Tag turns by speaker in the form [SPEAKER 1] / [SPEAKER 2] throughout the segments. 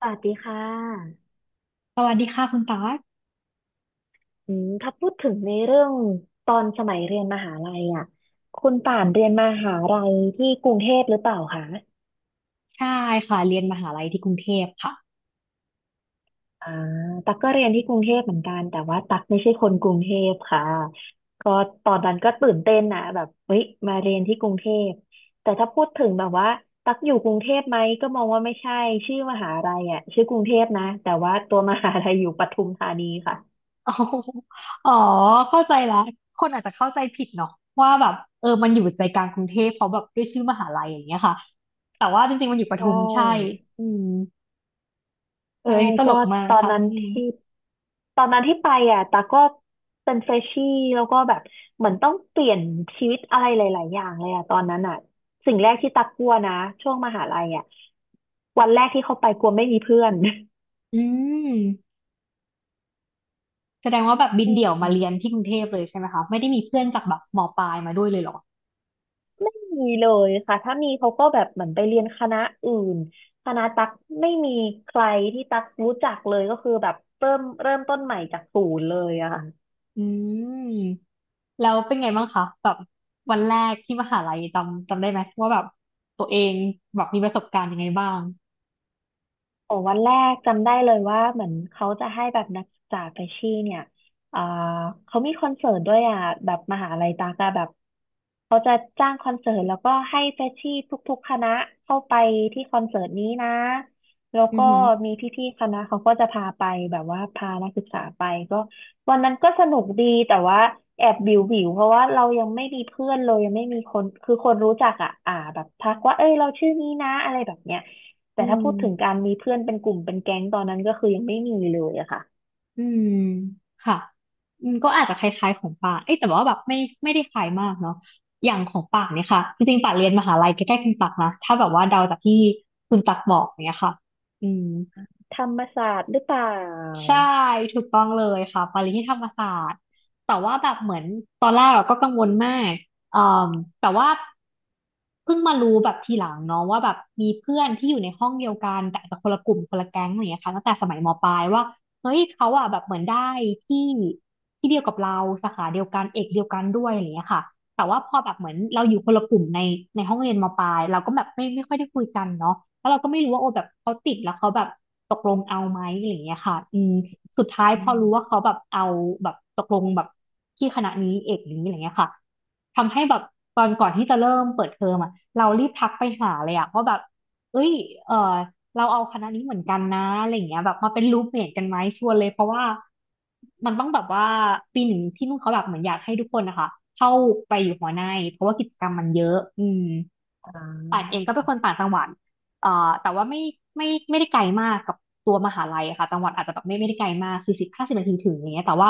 [SPEAKER 1] สวัสดีค่ะ
[SPEAKER 2] สวัสดีค่ะคุณตา
[SPEAKER 1] อืมถ้าพูดถึงในเรื่องตอนสมัยเรียนมหาลัยอ่ะคุณป่านเรียนมหาลัยที่กรุงเทพหรือเปล่าคะ
[SPEAKER 2] ใช่ค่ะเรียนมหาลัยที่กรุงเทพค่ะ
[SPEAKER 1] อ่าตักก็เรียนที่กรุงเทพเหมือนกันแต่ว่าตักไม่ใช่คนกรุงเทพค่ะก็ตอนนั้นก็ตื่นเต้นนะแบบเฮ้ยมาเรียนที่กรุงเทพแต่ถ้าพูดถึงแบบว่าตักอยู่กรุงเทพไหม ก็มองว่าไม่ใช่ ชื่อมหาลัยอ่ะชื่อกรุงเทพนะ แต่ว่าตัวมหาลัยอยู่ปทุมธานีค่ะ
[SPEAKER 2] อ๋ออ๋อเข้าใจละคนอาจจะเข้าใจผิดเนาะว่าแบบเออมันอยู่ใจกลางกรุงเทพเพราะแบบด้วยชื่อมหาลัยอย่างเงี้ยค่ะแต่ว่าจริงๆมันอยู่ป
[SPEAKER 1] ใช่
[SPEAKER 2] ทุมใช่อืมเออ
[SPEAKER 1] ใช่
[SPEAKER 2] อันนี้ตล
[SPEAKER 1] ก็
[SPEAKER 2] กมาก
[SPEAKER 1] ตอน
[SPEAKER 2] ค่ะ
[SPEAKER 1] นั้น
[SPEAKER 2] อืม
[SPEAKER 1] ที่ตอนนั้นที่ไปอ่ะตาก็เป็นเฟรชชี่แล้วก็แบบเหมือนต้องเปลี่ยนชีวิตอะไรหลายๆอย่างเลยอ่ะตอนนั้นอ่ะสิ่งแรกที่ตากลัวนะช่วงมหาลัยอ่ะวันแรกที่เขาไปกลัวไม่มีเพื่อน
[SPEAKER 2] อืมแสดงว่าแบบบิ
[SPEAKER 1] อ
[SPEAKER 2] นเดี่ยวมา
[SPEAKER 1] ื
[SPEAKER 2] เรียน
[SPEAKER 1] ม
[SPEAKER 2] ที่กรุงเทพเลยใช่ไหมคะไม่ได้มีเพื่อนจากแบบมปลายมาด้วยเลยเหรอ
[SPEAKER 1] ไม่มีเลยค่ะถ้ามีเขาก็แบบเหมือนไปเรียนคณะอื่นคณะตักไม่มีใครที่ตักรู้จักเลยก็คือแบบเริ่มต้นใหม่จากศูนย์เลยอะ
[SPEAKER 2] อืมแล้วเป็นไงบ้างคะแบบวันแรกที่มหาลัยจำได้ไหมว่าแบบตัวเองแบบมีประสบการณ์ยังไงบ้าง
[SPEAKER 1] โอ้วันแรกจำได้เลยว่าเหมือนเขาจะให้แบบนักศึกษาไปชี่เนี่ยอ่าเขามีคอนเสิร์ตด้วยอ่ะแบบมหาลัยตากอะแบบเขาจะจ้างคอนเสิร์ตแล้วก็ให้เฟชชี่ทุกๆคณะเข้าไปที่คอนเสิร์ตนี้นะแล้ว
[SPEAKER 2] อื
[SPEAKER 1] ก็
[SPEAKER 2] อหือ
[SPEAKER 1] มีพี่ๆคณะเขาก็จะพาไปแบบว่าพานักศึกษาไปก็วันนั้นก็สนุกดีแต่ว่าแอบวิวเพราะว่าเรายังไม่มีเพื่อนเลยยังไม่มีคนคือคนรู้จักอ่ะอ่าแบบทักว่าเอ้ยเราชื่อนี้นะอะไรแบบเนี้ย
[SPEAKER 2] อื
[SPEAKER 1] แต่ถ้า
[SPEAKER 2] ม
[SPEAKER 1] พูดถึงการมีเพื่อนเป็นกลุ่มเป็นแก๊งตอนนั้นก็คือยังไม่มีเลยอะค่ะ
[SPEAKER 2] อืมค่ะอืมก็อาจจะคล้ายๆของป่านเอ้ยแต่ว่าแบบไม่ได้คล้ายมากเนาะอย่างของป่านเนี่ยค่ะจริงๆป่านเรียนมหาลัยใกล้ๆคุณตักนะถ้าแบบว่าเดาจากที่คุณตักบอกเนี่ยค่ะอืม
[SPEAKER 1] ธรรมศาสตร์หรือเปล่า
[SPEAKER 2] ใช่ถูกต้องเลยค่ะไปเรียนที่ธรรมศาสตร์แต่ว่าแบบเหมือนตอนแรกอะก็กังวลมากอ่มแต่ว่าเพิ่งมารู้แบบทีหลังเนาะว่าแบบมีเพื่อนที่อยู่ในห้องเดียวกันแต่อาจจะคนละกลุ่มคนละแก๊งอะไรอย่างเงี้ยค่ะตั้งแต่สมัยมปลายว่าเฮ้ยเขาอะแบบเหมือนได้ที่ที่เดียวกับเราสาขาเดียวกันเอกเดียวกันด้วยอะไรอย่างเงี้ยค่ะ แต่ว่าพอแบบเหมือนเราอยู่คนละกลุ่มในห้องเรียนมปลายเราก็แบบไม่ค่อยได้คุยกันเนาะแล้วเราก็ไม่รู้ว่าโอ้แบบเขาติดแล้วเขาแบบตกลงเอาไหมอะไรอย่างเงี้ยค่ะอืมสุดท้ายพอ
[SPEAKER 1] อื
[SPEAKER 2] รู้ว่า
[SPEAKER 1] ม
[SPEAKER 2] เขาแบบเอาแบบตกลงแบบที่คณะนี้เอกนี้อะไรเงี้ยค่ะทำให้แบบตอนก่อนที่จะเริ่มเปิดเทอมอะเรารีบทักไปหาเลยอะว่าแบบเอ้ยเออ เราเอาคณะนี้เหมือนกันนะอะไรอย่างเงี้ยแบบมาเป็นรูมเมทกันไหมชวนเลยเพราะว่ามันต้องแบบว่าปีหนึ่งที่นู่นเขาแบบเหมือนอยากให้ทุกคนนะคะเข้าไปอยู่หอในเพราะว่ากิจกรรมมันเยอะอืม
[SPEAKER 1] อ่
[SPEAKER 2] ป่านเอ
[SPEAKER 1] า
[SPEAKER 2] งก็เป็นคนต่างจังหวัดเอ่อแต่ว่าไม่ได้ไกลมากกับตัวมหาลัยอะค่ะจังหวัดอาจจะแบบไม่ได้ไกลมากสี่สิบห้าสิบนาทีถึงอย่างเงี้ยแต่ว่า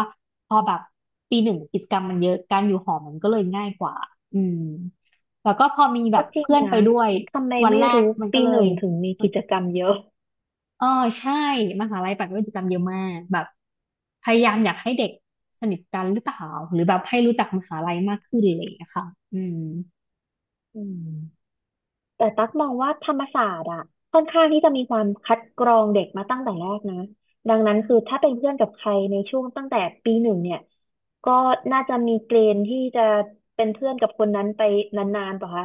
[SPEAKER 2] พอแบบปีหนึ่งกิจกรรมมันเยอะการอยู่หอมันก็เลยง่ายกว่าอืมแล้วก็พอมีแบ
[SPEAKER 1] ก็
[SPEAKER 2] บ
[SPEAKER 1] จริง
[SPEAKER 2] เพื่อนไป
[SPEAKER 1] นะ
[SPEAKER 2] ด้วย
[SPEAKER 1] ทำไม
[SPEAKER 2] วัน
[SPEAKER 1] ไม่
[SPEAKER 2] แรก
[SPEAKER 1] รู้
[SPEAKER 2] มันก็
[SPEAKER 1] ปี
[SPEAKER 2] เล
[SPEAKER 1] ห
[SPEAKER 2] ย
[SPEAKER 1] นึ่งถึงมีกิจกรรมเยอะ
[SPEAKER 2] เออใช่มหาลัยปัดกิจกรรมเยอะมากแบบพยายามอยากให้เด็กสนิทกันหรือเปล่าหรือแบบให้รู้จักมหาลัยมากขึ้นอะไรอย่างเลยค่ะอืม
[SPEAKER 1] อืมแต่ตั๊กมองว่าธรรมศาสตร์อะค่อนข้างที่จะมีความคัดกรองเด็กมาตั้งแต่แรกนะดังนั้นคือถ้าเป็นเพื่อนกับใครในช่วงตั้งแต่ปีหนึ่งเนี่ยก็น่าจะมีเกณฑ์ที่จะเป็นเพื่อนกับคนนั้นไปนานๆป่ะคะ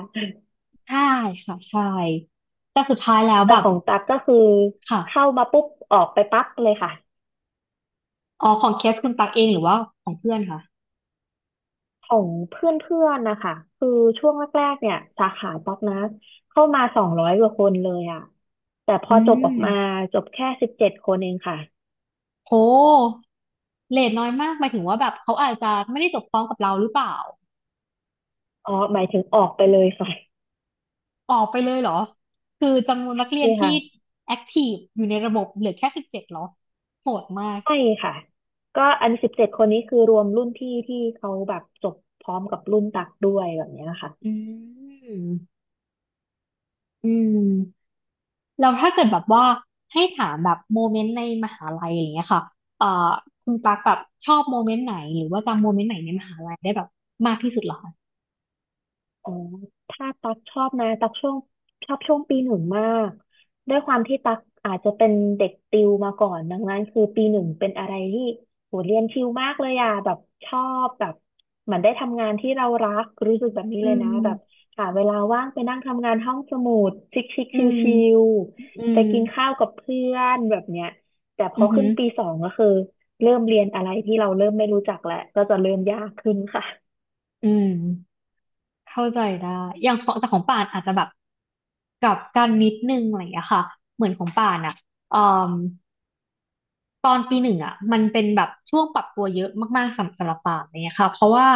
[SPEAKER 2] ใช่ค่ะใช่แต่สุดท้ายแล้ว
[SPEAKER 1] แต่
[SPEAKER 2] แบบ
[SPEAKER 1] ของตั๊กก็คือเข้า
[SPEAKER 2] ค่ะ
[SPEAKER 1] มาปุ๊บออกไปปั๊บเลยค่ะ
[SPEAKER 2] อ๋อของเคสคุณตักเองหรือว่าของเพื่อนค่ะ
[SPEAKER 1] ของเพื่อนๆนะคะคือช่วงแรกๆเนี่ยสาขาตั๊กนะเข้ามา200กว่าคนเลยอ่ะแต่พ
[SPEAKER 2] อื
[SPEAKER 1] อจบออกมา
[SPEAKER 2] ม
[SPEAKER 1] จบแค่สิบเจ็ดคนเองค่ะ
[SPEAKER 2] โหเรทน้อยมากหมายถึงว่าแบบเขาอาจจะไม่ได้จบพร้อมกับเราหรือเปล่า
[SPEAKER 1] อ๋อหมายถึงออกไปเลยค่ะ
[SPEAKER 2] ออกไปเลยเหรอคือจำนวนนักเรียน
[SPEAKER 1] นี่ค่ะ
[SPEAKER 2] ที่แอคทีฟอยู่ในระบบเหลือแค่สิบเจ็ดเหรอโหดมาก
[SPEAKER 1] ใช่ค่ะก็อันสิบเจ็ดคนนี้คือรวมรุ่นพี่ที่เขาแบบจบพร้อมกับรุ่นตักด้วยแบบเนี้ย
[SPEAKER 2] อื
[SPEAKER 1] ค่ะ
[SPEAKER 2] ม อืมแล้วถ้าเกิดแบบว่าให้ถามแบบโมเมนต์ในมหาลัยอย่างเงี้ยค่ะเอ่อคุณปากแบบชอบโมเมนต์ไหนหรือว่าจำโมเมนต์ไหนในมหาลัยได้แบบมากที่สุดเหรอคะ
[SPEAKER 1] อ๋อถ้าตักชอบนะตักช่วงชอบช่วงปีหนึ่งมากด้วยความที่ตักอาจจะเป็นเด็กติวมาก่อนดังนั้นคือปีหนึ่งเป็นอะไรที่โหเรียนชิลมากเลยอ่ะแบบชอบแบบเหมือนได้ทำงานที่เรารักรู้สึกแบบนี้
[SPEAKER 2] อื
[SPEAKER 1] เลยนะแบบ
[SPEAKER 2] ม
[SPEAKER 1] หาเวลาว่างไปนั่งทำงานห้องสมุดชิคชิค
[SPEAKER 2] อื
[SPEAKER 1] ชิล
[SPEAKER 2] ม
[SPEAKER 1] ชิล
[SPEAKER 2] อื
[SPEAKER 1] ๆไป
[SPEAKER 2] ม
[SPEAKER 1] กินข้าวกับเพื่อนแบบเนี้ยแต่พ
[SPEAKER 2] อื
[SPEAKER 1] อ
[SPEAKER 2] อหื
[SPEAKER 1] ขึ้
[SPEAKER 2] อ
[SPEAKER 1] นปีสองก็คือเริ่มเรียนอะไรที่เราเริ่มไม่รู้จักแล้วก็จะเริ่มยากขึ้นค่ะ
[SPEAKER 2] อืมเข้าใจได้อย่างของแต่ของป่านอาจจะแบบกลับกันนิดนึงอะไรอย่างเงี้ยค่ะเหมือนของป่านอ่ะ ตอนปีหนึ่งอ่ะมันเป็นแบบช่วงปรับตัวเยอะมากๆสำหรับป่านอะไรเงี้ยค่ะเพราะว่า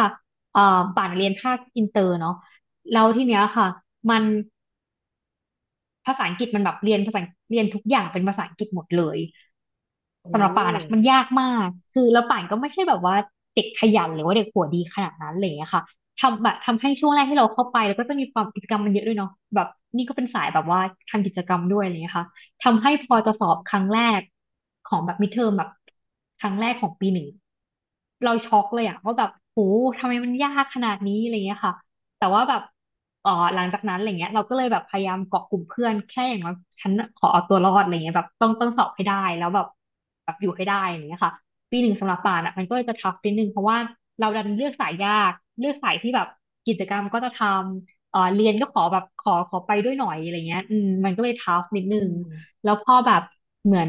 [SPEAKER 2] ป่านเรียนภาคอินเตอร์เนาะแล้วทีเนี้ยค่ะมัน ภาษาอังกฤษมันแบบเรียนภาษาเรียนทุกอย่างเป็นภาษาอังกฤษหมดเลย
[SPEAKER 1] โอ
[SPEAKER 2] สำหรับป่านอะมั
[SPEAKER 1] ้
[SPEAKER 2] นยากมากคือแล้วป่านก็ไม่ใช่แบบว่าเด็กขยันหรือว่าเด็กหัวดีขนาดนั้นอะไรอย่างเลยอะค่ะทำแบบทำให้ช่วงแรกที่เราเข้าไปแล้วก็จะมีความกิจกรรมมันเยอะด้วยเนาะแบบนี่ก็เป็นสายแบบว่าทำกิจกรรมด้วยอะไรอย่างเงี้ยค่ะทำให้พอจะสอบครั้งแรกของแบบมิดเทอมแบบครั้งแรกของปีหนึ่งเราช็อกเลยอะว่าแบบโหทำไมมันยากขนาดนี้อะไรอย่างเงี้ยค่ะแต่ว่าแบบ หลังจากนั้นอะไรเงี้ยเราก็เลยแบบพยายามเกาะกลุ่มเพื่อนแค่อย่างน้อยฉันขอเอาตัวรอดอะไรเงี้ยแบบต้องสอบให้ได้แล้วแบบอยู่ให้ได้อะไรเงี้ยค่ะปีหนึ่งสำหรับป่านอ่ะมันก็จะทัฟนิดนึงเพราะว่าเราดันเลือกสายยากเลือกสายที่แบบกิจกรรมก็จะทำเรียนก็ขอแบบขอไปด้วยหน่อยอะไรเงี้ยอืมมันก็เลยทัฟนิดนึ
[SPEAKER 1] อื
[SPEAKER 2] ง
[SPEAKER 1] ม
[SPEAKER 2] แล้วพอแบบเหมือน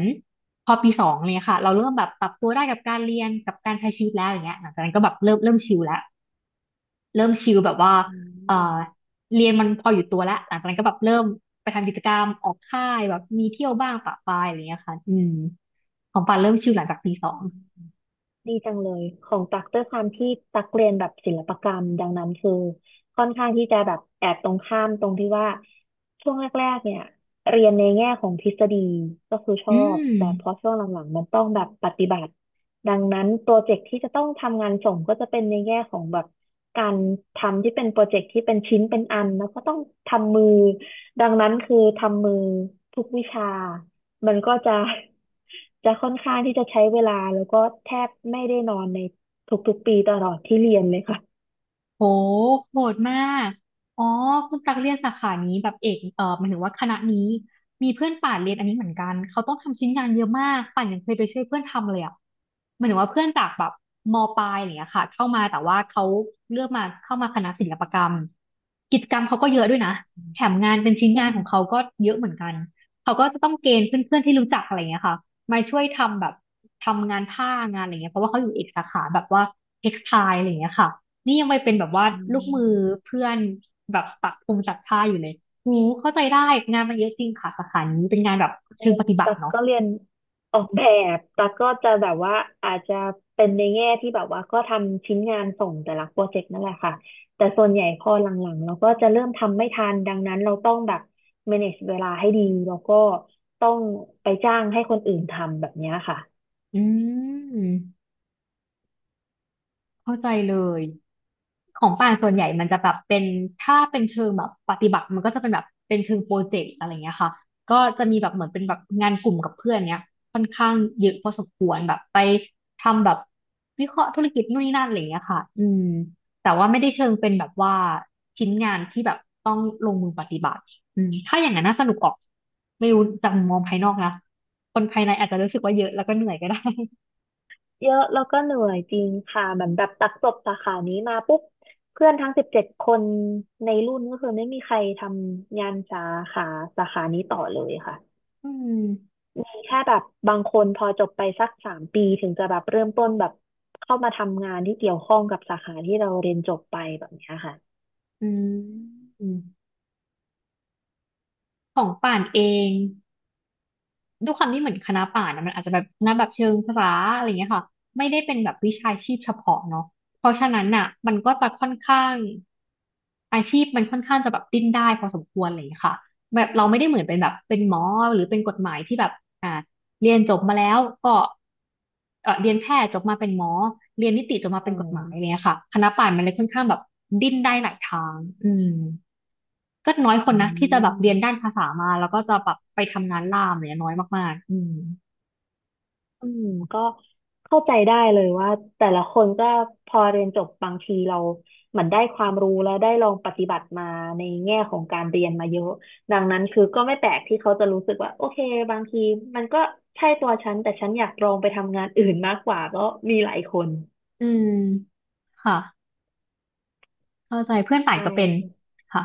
[SPEAKER 2] พอปีสองเนี่ยค่ะเราเริ่มแบบปรับตัวได้กับการเรียนกับการใช้ชีวิตแล้วอย่างเงี้ยหลังจากนั้นก็แบบเริ่มชิลแล้ว เริ่มชิลแบบว่า
[SPEAKER 1] อ
[SPEAKER 2] เอ่อ
[SPEAKER 1] ม
[SPEAKER 2] เรียนมันพออยู่ตัวแล้ว หลังจากนั้นก็แบบเริ่มไปทำกิจกรรมออกค่ายแบบมีเที่ยวบ้างปะปายอะไรเงี้ยค่ะอืมของปานเริ่มชิลหลังจากปีสอง
[SPEAKER 1] ดีจังเลยของตักด้วยความที่ตักเรียนแบบศิลปกรรมดังนั้นคือค่อนข้างที่จะแบบแอบตรงข้ามตรงที่ว่าช่วงแรกๆเนี่ยเรียนในแง่ของทฤษฎีก็คือช
[SPEAKER 2] อื
[SPEAKER 1] อบแต่พอ
[SPEAKER 2] ม
[SPEAKER 1] ช่วงหลังๆมันต้องแบบปฏิบัติดังนั้นโปรเจกต์ที่จะต้องทำงานส่งก็จะเป็นในแง่ของแบบการทำที่เป็นโปรเจกต์ที่เป็นชิ้นเป็นอันแล้วก็ต้องทำมือดังนั้นคือทำมือทุกวิชา มันก็จะ จะค่อนข้างที่จะใช้เวลาแล้วก็แทบไม่ได้นอนในทุกๆปีตลอดที่เรียนเลยค่ะ
[SPEAKER 2] โหโหดมากอ๋อคุณตักเรียนสาขานี้แบบเอกหมายถึงว่าคณะนี้มีเพื่อนป่านเรียนอันนี้เหมือนกันเขาต้องทำชิ้นงานเยอะมากป่านยังเคยไปช่วยเพื่อนทำเลยอ่ะหมายถึงว่าเพื่อนจากแบบมปลายอะไรอย่างเงี้ยค่ะเข้ามาแต่ว่าเขาเลือกมาเข้ามาคณะศิลปกรรมกิจกรรมเขาก็เยอะด้วยนะแถมงานเป็นชิ้นงานของเขา
[SPEAKER 1] อ
[SPEAKER 2] ก็เยอะเหมือนกันเขาก็จะต้องเกณฑ์เพื่อนๆที่รู้จักอะไรอย่างเงี้ยค่ะมาช่วยทำแบบทำงานผ้างานอะไรเงี้ยเพราะว่าเขาอยู่เอกสาขาแบบว่าเท็กซ์ไทล์อะไรงเงี้ยค่ะ นี่ยังไปเป็นแบบว่า
[SPEAKER 1] อื
[SPEAKER 2] ลูกมือ
[SPEAKER 1] ม
[SPEAKER 2] เพื่อนแบบปักธงตักผ้าอยู่เลยหูเข้าใจได้งานมันเยอะจริงค่ะสาขานี้เป็นงานแบบ
[SPEAKER 1] ใช่
[SPEAKER 2] เชิงปฏิบั
[SPEAKER 1] ตั
[SPEAKER 2] ติ
[SPEAKER 1] ก
[SPEAKER 2] เนาะ
[SPEAKER 1] ก็เรียนออกแบบตักก็จะแบบว่าอาจจะเป็นในแง่ที่แบบว่าก็ทำชิ้นงานส่งแต่ละโปรเจกต์นั่นแหละค่ะแต่ส่วนใหญ่พอหลังๆเราก็จะเริ่มทำไม่ทันดังนั้นเราต้องแบบ manage เวลาให้ดีแล้วก็ต้องไปจ้างให้คนอื่นทำแบบเนี้ยค่ะ
[SPEAKER 2] อืมเข้าใจเลย ของป่านส่วนใหญ่มันจะแบบเป็นถ้าเป็นเชิงแบบปฏิบัติมันก็จะเป็นแบบเป็นเชิงโปรเจกต์อะไรเงี้ยค่ะก็จะมีแบบเหมือนเป็นแบบงานกลุ่มกับเพื่อนเนี้ยค่อนข้างเยอะพอสมควรแบบไปทำแบบวิเคราะห์ธุรกิจนู่นนี่นั่นอะไรเงี้ยค่ะอืมแต่ว่าไม่ได้เชิงเป็นแบบว่าชิ้นงานที่แบบต้องลงมือปฏิบัติอืมถ้าอย่างนั้นน่าสนุกออกไม่รู้จากมุมมองภายนอกนะคนภายในอาจจะรู้สึกว่าเยอะแล้วก็เหนื่อยก็ได้
[SPEAKER 1] เยอะแล้วก็เหนื่อยจริงค่ะเหมือนแบบตักจบสาขานี้มาปุ๊บเพื่อนทั้งสิบเจ็ดคนในรุ่นก็คือไม่มีใครทำงานขาสาขานี้ต่อเลยค่ะ
[SPEAKER 2] อืม
[SPEAKER 1] แค่แบบบางคนพอจบไปสัก3 ปีถึงจะแบบเริ่มต้นแบบเข้ามาทำงานที่เกี่ยวข้องกับสาขาที่เราเรียนจบไปแบบเนี้ยค่ะ
[SPEAKER 2] อืมของป่านเอง ด้วยความที่เหมือนคณะป่านะมันอาจจะแบบคณะแบบเชิงภาษาอะไรเงี้ยค่ะไม่ได้เป็นแบบวิชาชีพเฉพาะเนาะเพราะฉะนั้นน่ะมันก็จะค่อนข้างอาชีพมันค่อนข้างจะแบบดิ้นได้พอสมควรอะไรยเงี้ยค่ะแบบเราไม่ได้เหมือนเป็นแบบเป็นหมอหรือเป็นกฎหมายที่แบบอ่าเรียนจบมาแล้วก็เรียนแพทย์จบมาเป็นหมอเรียนนิติจบมาเป็นกฎหมายอะไรเงี้ยค่ะคณะป่านมันเลยค่อนข้างแบบดิ้นได้หลายทางอืมก็น้อยคน
[SPEAKER 1] อืม
[SPEAKER 2] นะที่
[SPEAKER 1] อื
[SPEAKER 2] จะแบบ
[SPEAKER 1] ม
[SPEAKER 2] เรียนด้านภาษามาแล้วก็จะแบบไปทำงานล่ามเนี่ยน้อยมากๆอืม
[SPEAKER 1] อืมก็เข้าใจได้เลยว่าแต่ละคนก็พอเรียนจบบางทีเราเหมือนได้ความรู้แล้วได้ลองปฏิบัติมาในแง่ของการเรียนมาเยอะดังนั้นคือก็ไม่แปลกที่เขาจะรู้สึกว่าโอเคบางทีมันก็ใช่ตัวฉันแต่ฉันอยากลองไปทำงานอื่นมากกว่าก็มีหลายคน
[SPEAKER 2] อืมค่ะเข้าใจเพื่อนต่าง
[SPEAKER 1] ใช่
[SPEAKER 2] ก็เป็นค่ะ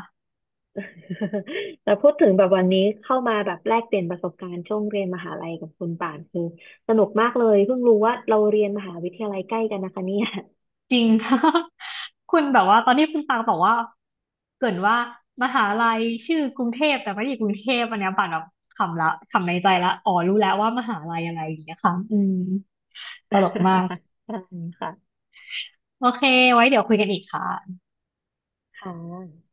[SPEAKER 1] แต่พูดถึงแบบวันนี้เข้ามาแบบแลกเปลี่ยนประสบการณ์ช่วงเรียนมหาลัยกับคุณป่านคือสนุกมากเลยเพิ่งรู้ว่าเราเรียนมหาวิทยาลัยใกล้กันนะคะเนี่ย
[SPEAKER 2] จริง คุณแบบว่าตอนนี้คุณตังบอกว่าเกรินว่ามหาลัยชื่อกรุงเทพแต่ไม่ได้อยู่กรุงเทพอันเนี้ยป่านแบบขำละขำในใจละอ๋อรู้แล้วว่ามหาลัยอะไรอย่างเงี้ยค่ะอืมตลกมาก
[SPEAKER 1] ใช่ค่ะ
[SPEAKER 2] โอเคไว้เดี๋ยวคุยกันอีกค่ะ
[SPEAKER 1] ค่ะ